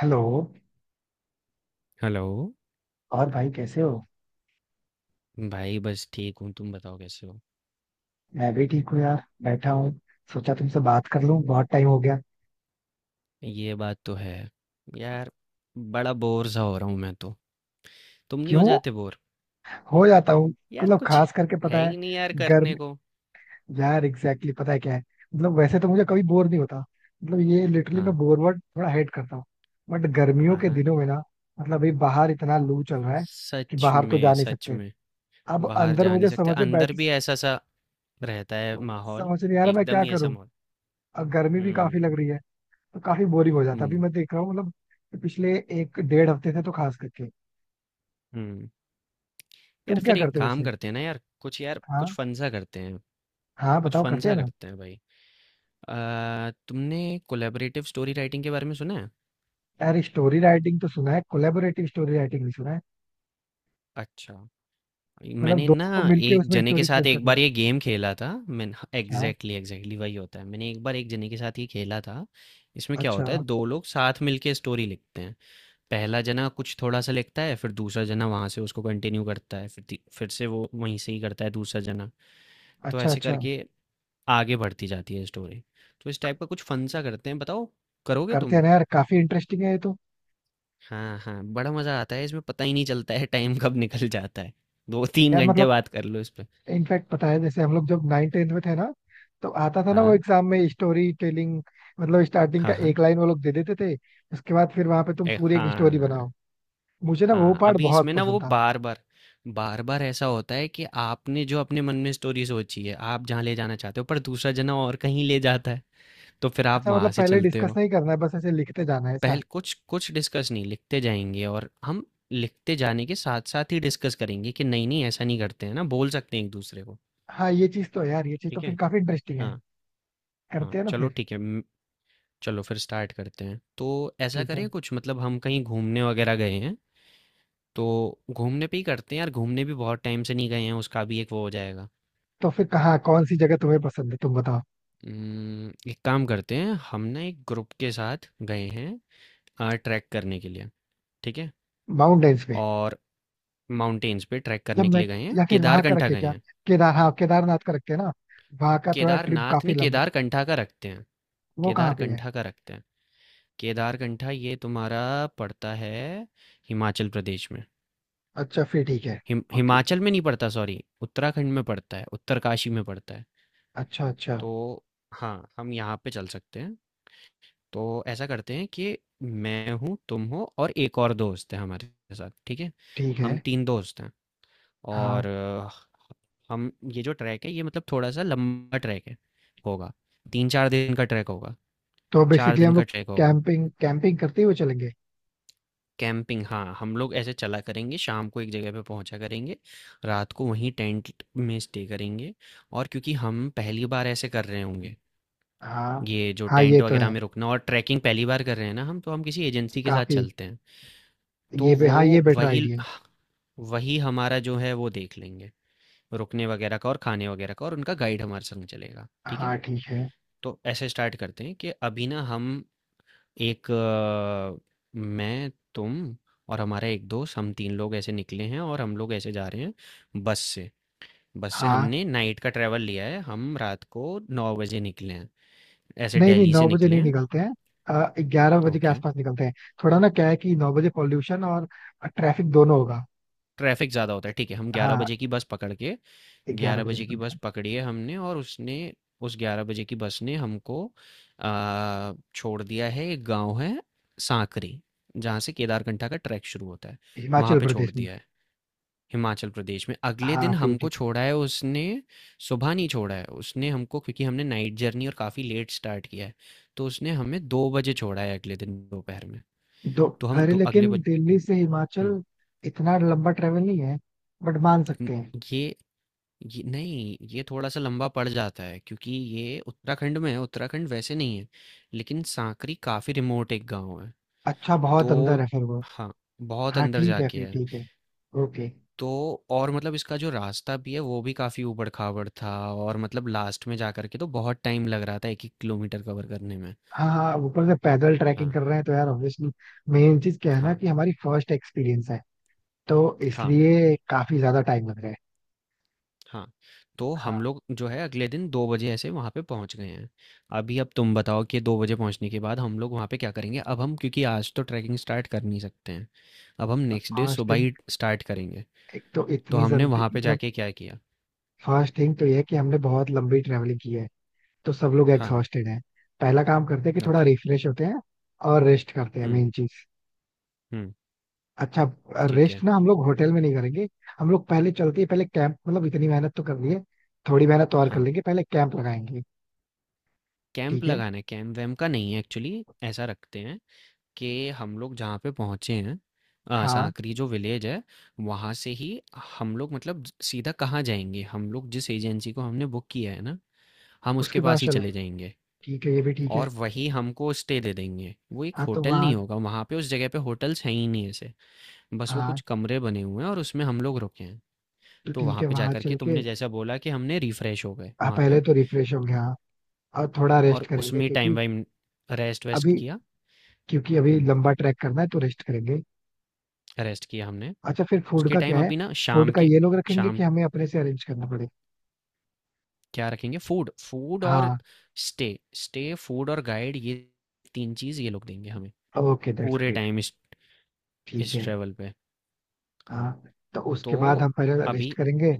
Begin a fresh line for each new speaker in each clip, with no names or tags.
Hello.
Hello
और भाई कैसे हो?
भाई बस ठीक हूँ तुम बताओ कैसे हो।
मैं भी ठीक हूँ यार, बैठा हूँ। सोचा तुमसे बात कर लूं, बहुत टाइम हो गया।
ये बात तो है यार, बड़ा बोर सा हो रहा हूँ मैं तो। तुम नहीं हो
क्यों?
जाते बोर?
हो जाता हूँ
यार
मतलब,
कुछ
खास करके
है
पता है।
ही नहीं यार करने
गर्म।
को।
यार एग्जैक्टली पता है क्या है। मतलब वैसे तो मुझे कभी बोर नहीं होता। मतलब ये लिटरली, मैं
हाँ
बोर वर्ड थोड़ा हेट करता हूँ। बट गर्मियों
हाँ
के
हाँ।
दिनों में ना, मतलब अभी बाहर इतना लू चल रहा है कि
सच
बाहर तो जा
में
नहीं
सच
सकते।
में।
अब
बाहर
अंदर
जा नहीं
मुझे
सकते,
समझ में बैठ,
अंदर भी ऐसा सा रहता है माहौल।
समझ नहीं आ रहा मैं
एकदम
क्या
ही ऐसा
करूँ।
माहौल।
अब गर्मी भी काफी लग
हम्म
रही है तो काफी बोरिंग हो जाता है। अभी
हम्म
मैं देख रहा हूँ मतलब पिछले एक डेढ़ हफ्ते से तो खास करके।
हम्म। यार
तुम क्या
फिर एक
करते हो
काम
वैसे?
करते हैं ना, यार कुछ
हाँ
फन सा करते हैं।
हाँ,
कुछ
बताओ
फन
करते हैं
सा
ना।
करते हैं भाई। तुमने कोलेबरेटिव स्टोरी राइटिंग के बारे में सुना है?
यार स्टोरी राइटिंग तो सुना है, कोलेबोरेटिव स्टोरी राइटिंग भी सुना है।
अच्छा।
मतलब
मैंने ना
दोनों को मिलके
एक
उसमें
जने के
स्टोरी
साथ
क्रिएट
एक
करनी
बार ये गेम खेला था,
है।
मैंने
अच्छा
एग्जैक्टली एग्जैक्टली वही होता है, मैंने एक बार एक जने के साथ ये खेला था। इसमें क्या
अच्छा।
होता है, दो लोग साथ मिलके स्टोरी लिखते हैं। पहला जना कुछ थोड़ा सा लिखता है, फिर दूसरा जना वहां से उसको कंटिन्यू करता है, फिर फिर से वो वहीं से ही करता है दूसरा जना। तो
अच्छा
ऐसे
अच्छा।
करके आगे बढ़ती जाती है स्टोरी। तो इस टाइप का कुछ फन सा करते हैं, बताओ करोगे
करते हैं
तुम?
ना यार, काफी इंटरेस्टिंग है ये तो।
हाँ हाँ, बड़ा मजा आता है इसमें, पता ही नहीं चलता है टाइम कब निकल जाता है। दो तीन
यार
घंटे
मतलब
बात कर लो इस पे।
इनफैक्ट पता है, जैसे हम लोग जब 9th-10th में थे ना, तो आता था ना वो
हाँ
एग्जाम में स्टोरी टेलिंग। मतलब स्टार्टिंग का
हाँ हाँ।
एक लाइन वो लोग दे देते थे। उसके बाद फिर वहां पे तुम पूरी एक स्टोरी
हाँ,
बनाओ। मुझे ना वो
हाँ,
पार्ट
अभी
बहुत
इसमें ना वो
पसंद था।
बार-बार बार-बार ऐसा होता है कि आपने जो अपने मन में स्टोरी सोची है, आप जहाँ ले जाना चाहते हो, पर दूसरा जना और कहीं ले जाता है, तो फिर आप
अच्छा,
वहाँ
मतलब
से
पहले
चलते
डिस्कस
हो।
नहीं करना है, बस ऐसे लिखते जाना है ऐसा।
पहल कुछ कुछ डिस्कस नहीं, लिखते जाएँगे और हम लिखते जाने के साथ-साथ ही डिस्कस करेंगे कि नहीं-नहीं, ऐसा नहीं करते हैं ना, बोल सकते हैं एक-दूसरे को।
हाँ ये चीज तो है यार, ये चीज तो
ठीक
फिर
है?
काफी इंटरेस्टिंग है।
हाँ, हाँ,
करते हैं ना
चलो
फिर।
ठीक है, चलो फिर स्टार्ट करते हैं। तो ऐसा
ठीक है।
करें, कुछ मतलब हम कहीं घूमने वगैरह गए हैं? तो घूमने पे ही करते हैं यार, घूमने भी बहुत टाइम से नहीं गए हैं, उसका भी एक वो हो जाएगा।
तो फिर कहाँ, कौन सी जगह तुम्हें पसंद है तुम बताओ।
एक काम करते हैं हम ना, एक ग्रुप के साथ गए हैं ट्रैक करने के लिए, ठीक है?
माउंटेन्स पे।
और माउंटेन्स पे ट्रैक
या
करने के
मैं,
लिए गए हैं,
या फिर वहां का
केदारकंठा
रखे
गए
क्या?
हैं।
केदार, हाँ केदारनाथ का रखते हैं ना। वहां का थोड़ा ट्रिप
केदारनाथ
काफी
नहीं,
लंबा।
केदारकंठा का रखते हैं।
वो कहाँ पे है?
केदारकंठा का रखते हैं। केदारकंठा ये तुम्हारा पड़ता है हिमाचल प्रदेश में।
अच्छा फिर ठीक है। ओके।
हिमाचल में नहीं पड़ता, सॉरी, उत्तराखंड में पड़ता है, उत्तरकाशी में पड़ता है।
अच्छा अच्छा।
तो हाँ, हम यहाँ पे चल सकते हैं। तो ऐसा करते हैं कि मैं हूँ, तुम हो, और एक और दोस्त है हमारे साथ, ठीक है?
ठीक है।
हम तीन दोस्त हैं। और
हाँ
हम ये जो ट्रैक है ये मतलब थोड़ा सा लंबा ट्रैक है होगा, तीन चार दिन का ट्रैक होगा,
तो
चार
बेसिकली
दिन
हम
का
लोग
ट्रैक होगा।
कैंपिंग कैंपिंग करते हुए चलेंगे।
कैंपिंग हाँ, हम लोग ऐसे चला करेंगे, शाम को एक जगह पे पहुंचा करेंगे, रात को वहीं टेंट में स्टे करेंगे। और क्योंकि हम पहली बार ऐसे कर रहे होंगे,
हाँ
ये जो
हाँ ये
टेंट
तो
वगैरह
है,
में रुकना और ट्रैकिंग पहली बार कर रहे हैं ना हम, तो हम किसी एजेंसी के साथ
काफी।
चलते हैं। तो
ये
वो
हाँ, ये बेटर
वही
आइडिया है।
वही हमारा जो है वो देख लेंगे, रुकने वगैरह का और खाने वगैरह का, और उनका गाइड हमारे संग चलेगा, ठीक है?
हाँ ठीक है।
तो ऐसे स्टार्ट करते हैं कि अभी ना हम एक मैं, तुम और हमारा एक दोस्त, हम तीन लोग ऐसे निकले हैं और हम लोग ऐसे जा रहे हैं बस से। बस से
हाँ।
हमने नाइट का ट्रैवल लिया है, हम रात को 9 बजे निकले हैं, ऐसे
नहीं नहीं,
दिल्ली से
9 बजे
निकले
नहीं
हैं।
निकलते हैं, 11 बजे के
ओके।
आसपास निकलते हैं। थोड़ा ना, क्या है कि 9 बजे पॉल्यूशन और ट्रैफिक दोनों होगा।
ट्रैफिक ज़्यादा होता है, ठीक है, हम ग्यारह
हाँ।
बजे की बस पकड़ के,
ग्यारह
ग्यारह
बजे
बजे की
निकलते
बस
हैं।
पकड़ी है हमने और उसने, उस 11 बजे की बस ने हमको छोड़ दिया है, एक गांव है सांकरी जहाँ से केदारकंठा का ट्रैक शुरू होता है वहाँ
हिमाचल
पे छोड़
प्रदेश में।
दिया है। हिमाचल प्रदेश में अगले
हाँ
दिन
फिर
हमको
ठीक
छोड़ा है उसने। सुबह नहीं छोड़ा है उसने हमको, क्योंकि हमने नाइट जर्नी और काफ़ी लेट स्टार्ट किया है, तो उसने हमें 2 बजे छोड़ा है अगले दिन दोपहर में।
है। दो।
तो हम
अरे
दो, अगले
लेकिन
बज
दिल्ली से हिमाचल
हम्म,
इतना लंबा ट्रेवल नहीं है, बट मान सकते हैं।
ये ये नहीं, ये थोड़ा-सा लंबा पड़ जाता है क्योंकि ये उत्तराखंड में है, उत्तराखंड वैसे नहीं है, लेकिन सांकरी काफ़ी रिमोट एक गाँव है।
अच्छा, बहुत अंदर
तो
है फिर वो।
हाँ, बहुत
हाँ
अंदर
ठीक है,
जाके
फिर
है।
ठीक है। ओके।
तो और मतलब इसका जो रास्ता भी है वो भी काफ़ी ऊबड़-खाबड़ था, और मतलब लास्ट में जा कर के तो बहुत टाइम लग रहा था 1-1 किलोमीटर कवर करने में।
हाँ हाँ, ऊपर से पैदल ट्रैकिंग
हाँ,
कर रहे हैं तो यार ऑब्वियसली मेन चीज क्या है ना,
हाँ,
कि हमारी फर्स्ट एक्सपीरियंस है। तो
हाँ।
इसलिए काफी ज्यादा टाइम लग रहा है।
हाँ, तो हम
हाँ।
लोग जो है अगले दिन 2 बजे ऐसे वहाँ पे पहुँच गए हैं। अभी अब तुम बताओ कि 2 बजे पहुँचने के बाद हम लोग वहाँ पे क्या करेंगे? अब हम क्योंकि आज तो ट्रैकिंग स्टार्ट कर नहीं सकते हैं, अब हम नेक्स्ट डे
फर्स्ट,
सुबह ही स्टार्ट करेंगे।
एक तो
तो
इतनी
हमने
जल्दी
वहाँ पे
मतलब
जाके क्या किया?
फर्स्ट थिंग तो ये है कि हमने बहुत लंबी ट्रेवलिंग की है, तो सब लोग
हाँ,
एग्जॉस्टेड हैं। पहला काम करते हैं कि थोड़ा
ओके।
रिफ्रेश होते हैं और रेस्ट करते हैं,
हुँ,
मेन चीज।
हुँ,
अच्छा।
ठीक
रेस्ट
है।
ना हम लोग होटल में नहीं करेंगे, हम लोग पहले चलते हैं। पहले कैंप, मतलब इतनी मेहनत तो कर लिए, थोड़ी मेहनत तो और कर
हाँ,
लेंगे, पहले कैंप लगाएंगे।
कैंप
ठीक है।
लगाना है, कैंप-वैम्प का नहीं है एक्चुअली, ऐसा रखते हैं कि हम लोग जहाँ पे पहुँचे हैं,
हाँ
सांकरी जो विलेज है, वहाँ से ही हम लोग मतलब सीधा कहाँ जाएंगे, हम लोग जिस एजेंसी को हमने बुक किया है ना, हम उसके
उसके बाद
पास ही
चले,
चले जाएंगे।
ठीक है, ये भी ठीक है।
और वही हमको स्टे दे देंगे, वो एक
हाँ तो
होटल
वहाँ।
नहीं होगा, वहाँ पे उस जगह पे होटल्स हैं ही नहीं ऐसे, बस वो
हाँ
कुछ कमरे बने हुए हैं और उसमें हम लोग रुके हैं।
तो
तो
ठीक
वहाँ
है,
पे
वहाँ
जाकर के
चल के।
तुमने जैसा बोला कि हमने रिफ़्रेश हो गए
हाँ,
वहाँ पे,
पहले तो रिफ्रेश हो गया, और थोड़ा रेस्ट
और
करेंगे
उसमें टाइम वाइम, रेस्ट वेस्ट
अभी
किया।
क्योंकि अभी
हम्म,
लंबा ट्रैक करना है तो रेस्ट करेंगे।
रेस्ट किया हमने।
अच्छा फिर फूड
उसके
का क्या
टाइम
है?
अभी ना
फूड
शाम
का
के,
ये लोग रखेंगे,
शाम,
कि हमें अपने से अरेंज करना पड़े?
क्या रखेंगे? फूड, फूड और
हाँ
स्टे, स्टे, फूड और गाइड, ये तीन चीज़ ये लोग देंगे हमें
ओके, दैट्स
पूरे
ग्रेट।
टाइम
ठीक
इस
है।
ट्रेवल पे। हाँ।
हाँ तो
तो
उसके बाद हम पहले रेस्ट
अभी,
करेंगे।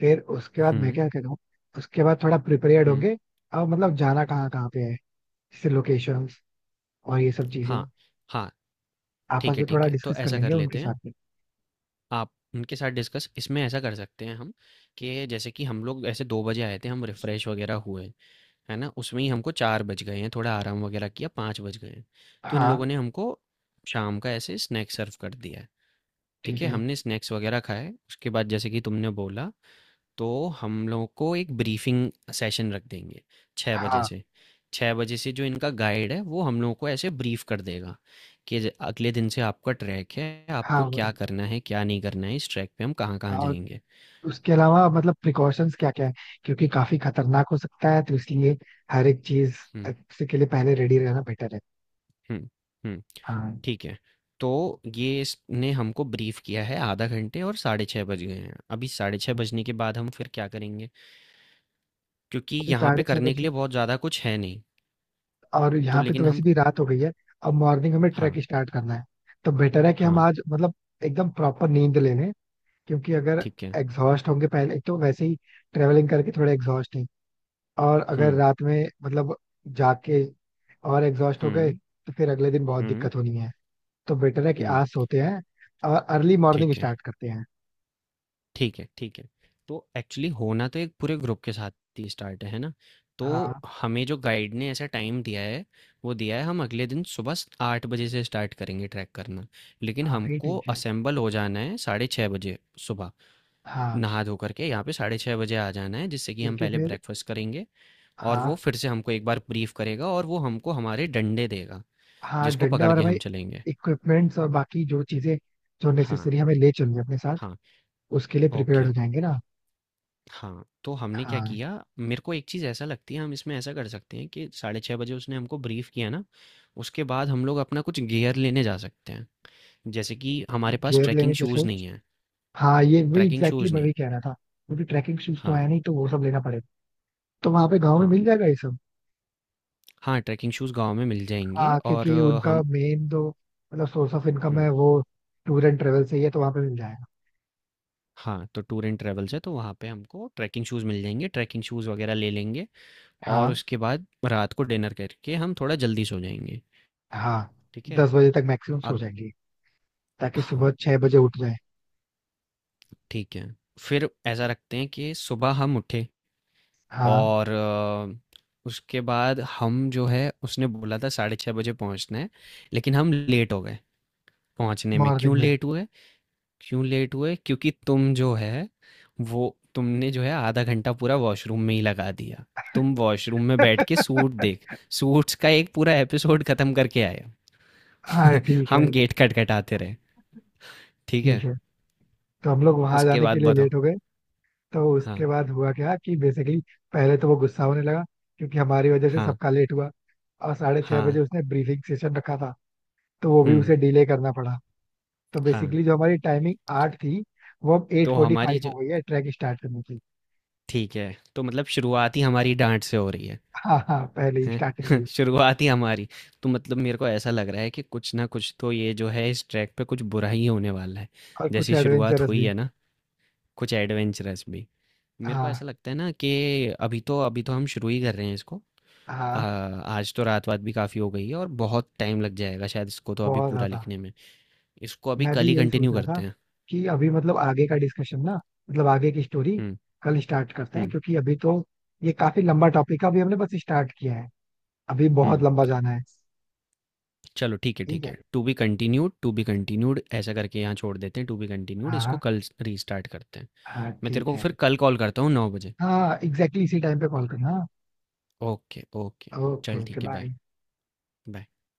फिर उसके बाद मैं
हम्म
क्या करूँ? उसके बाद थोड़ा प्रिपेयर्ड
हम्म,
होंगे, और मतलब जाना कहाँ कहाँ पे है, जैसे लोकेशंस और ये सब चीजें
हाँ हाँ,
आपस
ठीक है
में थोड़ा
ठीक है। तो
डिस्कस कर
ऐसा कर
लेंगे उनके
लेते
साथ
हैं,
में।
आप उनके साथ डिस्कस, इसमें ऐसा कर सकते हैं हम कि जैसे कि हम लोग ऐसे 2 बजे आए थे, हम रिफ़्रेश वगैरह हुए है ना, उसमें ही हमको 4 बज गए हैं, थोड़ा आराम वगैरह किया, 5 बज गए हैं, तो इन लोगों
हाँ
ने हमको शाम का ऐसे स्नैक सर्व कर दिया है। ठीक
ठीक
है,
है।
हमने स्नैक्स वगैरह खाए, उसके बाद जैसे कि तुमने बोला, तो हम लोगों को एक ब्रीफिंग सेशन रख देंगे छः बजे
हाँ
से छः बजे से जो इनका गाइड है वो हम लोगों को ऐसे ब्रीफ कर देगा कि अगले दिन से आपका ट्रैक है,
हाँ
आपको
वो
क्या
तो-
करना है क्या नहीं करना है, इस ट्रैक पे हम कहाँ कहाँ
हाँ,
जाएंगे।
उसके अलावा मतलब प्रिकॉशंस क्या क्या है, क्योंकि काफी खतरनाक हो सकता है तो इसलिए हर एक चीज
हम्म
से के लिए पहले रेडी रहना बेटर है।
हम्म हम्म।
हाँ।
ठीक है। तो ये इसने हमको ब्रीफ किया है आधा घंटे और 6:30 बज गए हैं। अभी 6:30 बजने के बाद हम फिर क्या करेंगे? क्योंकि
अभी
यहाँ पे
साढ़े छह
करने
बज
के
गए,
लिए बहुत ज़्यादा कुछ है नहीं।
और
तो
यहाँ पे तो
लेकिन हम,
वैसे भी रात हो गई है। अब मॉर्निंग हमें ट्रैक
हाँ,
स्टार्ट करना है, तो बेटर है कि हम
हाँ,
आज मतलब एकदम प्रॉपर नींद ले लें। क्योंकि अगर
ठीक है।
एग्जॉस्ट होंगे, पहले एक तो वैसे ही ट्रेवलिंग करके थोड़े एग्जॉस्ट हैं, और अगर
हुँ,
रात में मतलब जाके और एग्जॉस्ट हो गए,
हुँ,
तो फिर अगले दिन बहुत
हुँ,
दिक्कत होनी है। तो बेटर है कि
हुँ,
आज सोते हैं और अर्ली मॉर्निंग
ठीक है,
स्टार्ट करते हैं।
ठीक है, ठीक है। तो एक्चुअली होना तो एक पूरे ग्रुप के साथ ही स्टार्ट है ना?
हाँ।
तो हमें जो गाइड ने ऐसा टाइम दिया है, वो दिया है हम अगले दिन सुबह स 8 बजे से स्टार्ट करेंगे ट्रैक करना। लेकिन
हाँ फिर
हमको
ठीक है।
असेंबल हो जाना है साढ़े 6 बजे सुबह,
हाँ।
नहा धो कर के यहाँ पे साढ़े 6 बजे आ जाना है, जिससे कि हम
क्योंकि
पहले
फिर,
ब्रेकफ़ास्ट करेंगे, और वो
हाँ।
फिर से हमको एक बार ब्रीफ़ करेगा और वो हमको हमारे डंडे देगा,
हाँ
जिसको
डंडा
पकड़
और
के
हमारे
हम चलेंगे।
इक्विपमेंट्स और बाकी जो चीजें जो
हाँ,
नेसेसरी हमें ले चलनी है अपने साथ,
हाँ।
उसके लिए प्रिपेयर
ओके,
हो जाएंगे ना।
हाँ, तो हमने क्या
हाँ
किया, मेरे को एक चीज़ ऐसा लगती है हम इसमें ऐसा कर सकते हैं कि साढ़े 6 बजे उसने हमको ब्रीफ़ किया ना, उसके बाद हम लोग अपना कुछ गियर लेने जा सकते हैं। जैसे कि हमारे पास
गियर
ट्रैकिंग
लेने जैसे,
शूज़ नहीं है,
हाँ ये वही
ट्रैकिंग
एग्जैक्टली
शूज़
मैं
नहीं
वही
है।
कह रहा था, क्योंकि ट्रैकिंग शूज तो
हाँ,
है नहीं, तो वो सब लेना पड़ेगा। तो वहां पे गाँव में
हाँ,
मिल जाएगा ये सब।
हाँ, ट्रैकिंग शूज़ गाँव में मिल जाएँगे
हाँ,
और
क्योंकि उनका
हम,
मेन जो मतलब सोर्स ऑफ इनकम है
हुँ,
वो टूर एंड ट्रेवल से ही है, तो वहां पे मिल जाएगा।
हाँ, तो टूर एंड ट्रैवल्स है, तो वहाँ पे हमको ट्रैकिंग शूज़ मिल जाएँगे, ट्रैकिंग शूज़ वग़ैरह ले लेंगे, और
हाँ।
उसके बाद रात को डिनर करके हम थोड़ा जल्दी सो जाएँगे,
हाँ।
ठीक है?
10 बजे तक मैक्सिमम सो
अग
जाएंगे, ताकि
हाँ।
सुबह 6 बजे उठ जाए।
ठीक है। फिर ऐसा रखते हैं कि सुबह हम उठे
हाँ।
और उसके बाद हम जो है उसने बोला था 6:30 बजे पहुँचना है, लेकिन हम लेट हो गए पहुँचने में।
मॉर्निंग
क्यों
में।
लेट हुए, क्यों लेट हुए? क्योंकि तुम जो है, वो तुमने जो है आधा घंटा पूरा वॉशरूम में ही लगा दिया। तुम वॉशरूम में बैठ के सूट देख, सूट्स का एक पूरा एपिसोड खत्म करके आए।
हाँ ठीक
हम
है।
गेट खटखटाते रहे। ठीक है?
ठीक है, तो हम लोग वहां
उसके
जाने
बाद
के लिए
बताओ।
लेट हो गए। तो
हाँ,
उसके बाद हुआ क्या कि बेसिकली पहले तो वो गुस्सा होने लगा, क्योंकि हमारी वजह से
हाँ,
सबका लेट हुआ। और साढ़े छह
हाँ,
बजे उसने ब्रीफिंग सेशन रखा था, तो वो भी
हुँ,
उसे डिले करना पड़ा। तो
हाँ।
बेसिकली जो हमारी टाइमिंग 8 थी, वो अब एट
तो
फोर्टी
हमारी
फाइव
जो,
हो गई है ट्रैक स्टार्ट करने की।
ठीक है, तो मतलब
हाँ।
शुरुआत ही हमारी डाँट से हो रही है,
हाँ हाँ, पहले ही
हैं?
स्टार्टिंग में।
शुरुआत ही हमारी, तो मतलब मेरे को ऐसा लग रहा है कि कुछ ना कुछ तो ये जो है इस ट्रैक पे कुछ बुरा ही होने वाला है।
और कुछ
जैसी शुरुआत
एडवेंचरस
हुई
भी।
है ना, कुछ एडवेंचरस भी। मेरे को
हाँ।
ऐसा लगता है ना कि अभी तो हम शुरू ही कर रहे हैं इसको।
हाँ
आज तो रात-वात भी काफ़ी हो गई है और बहुत टाइम लग जाएगा शायद इसको तो अभी
बहुत
पूरा
ज्यादा।
लिखने में। इसको अभी
मैं भी
कल ही
यही सोच
कंटिन्यू
रहा था
करते हैं।
कि अभी मतलब आगे का डिस्कशन ना, मतलब आगे की स्टोरी
हुँ,
कल स्टार्ट करते हैं,
हुँ,
क्योंकि अभी तो ये काफी लंबा टॉपिक है, अभी हमने बस स्टार्ट किया है, अभी बहुत
हुँ।
लंबा जाना है।
चलो ठीक है
ठीक
ठीक
है।
है, to be continued, to be continued, ऐसा करके यहाँ छोड़ देते हैं, टू बी कंटिन्यूड, इसको
हाँ।
कल रीस्टार्ट करते हैं।
हाँ
मैं तेरे
ठीक
को
है।
फिर कल कॉल करता हूँ 9 बजे।
हाँ एग्जैक्टली इसी टाइम पे कॉल करना।
Okay okay.
ओके
चल
ओके
ठीक है, बाय।
बाय।
बाय।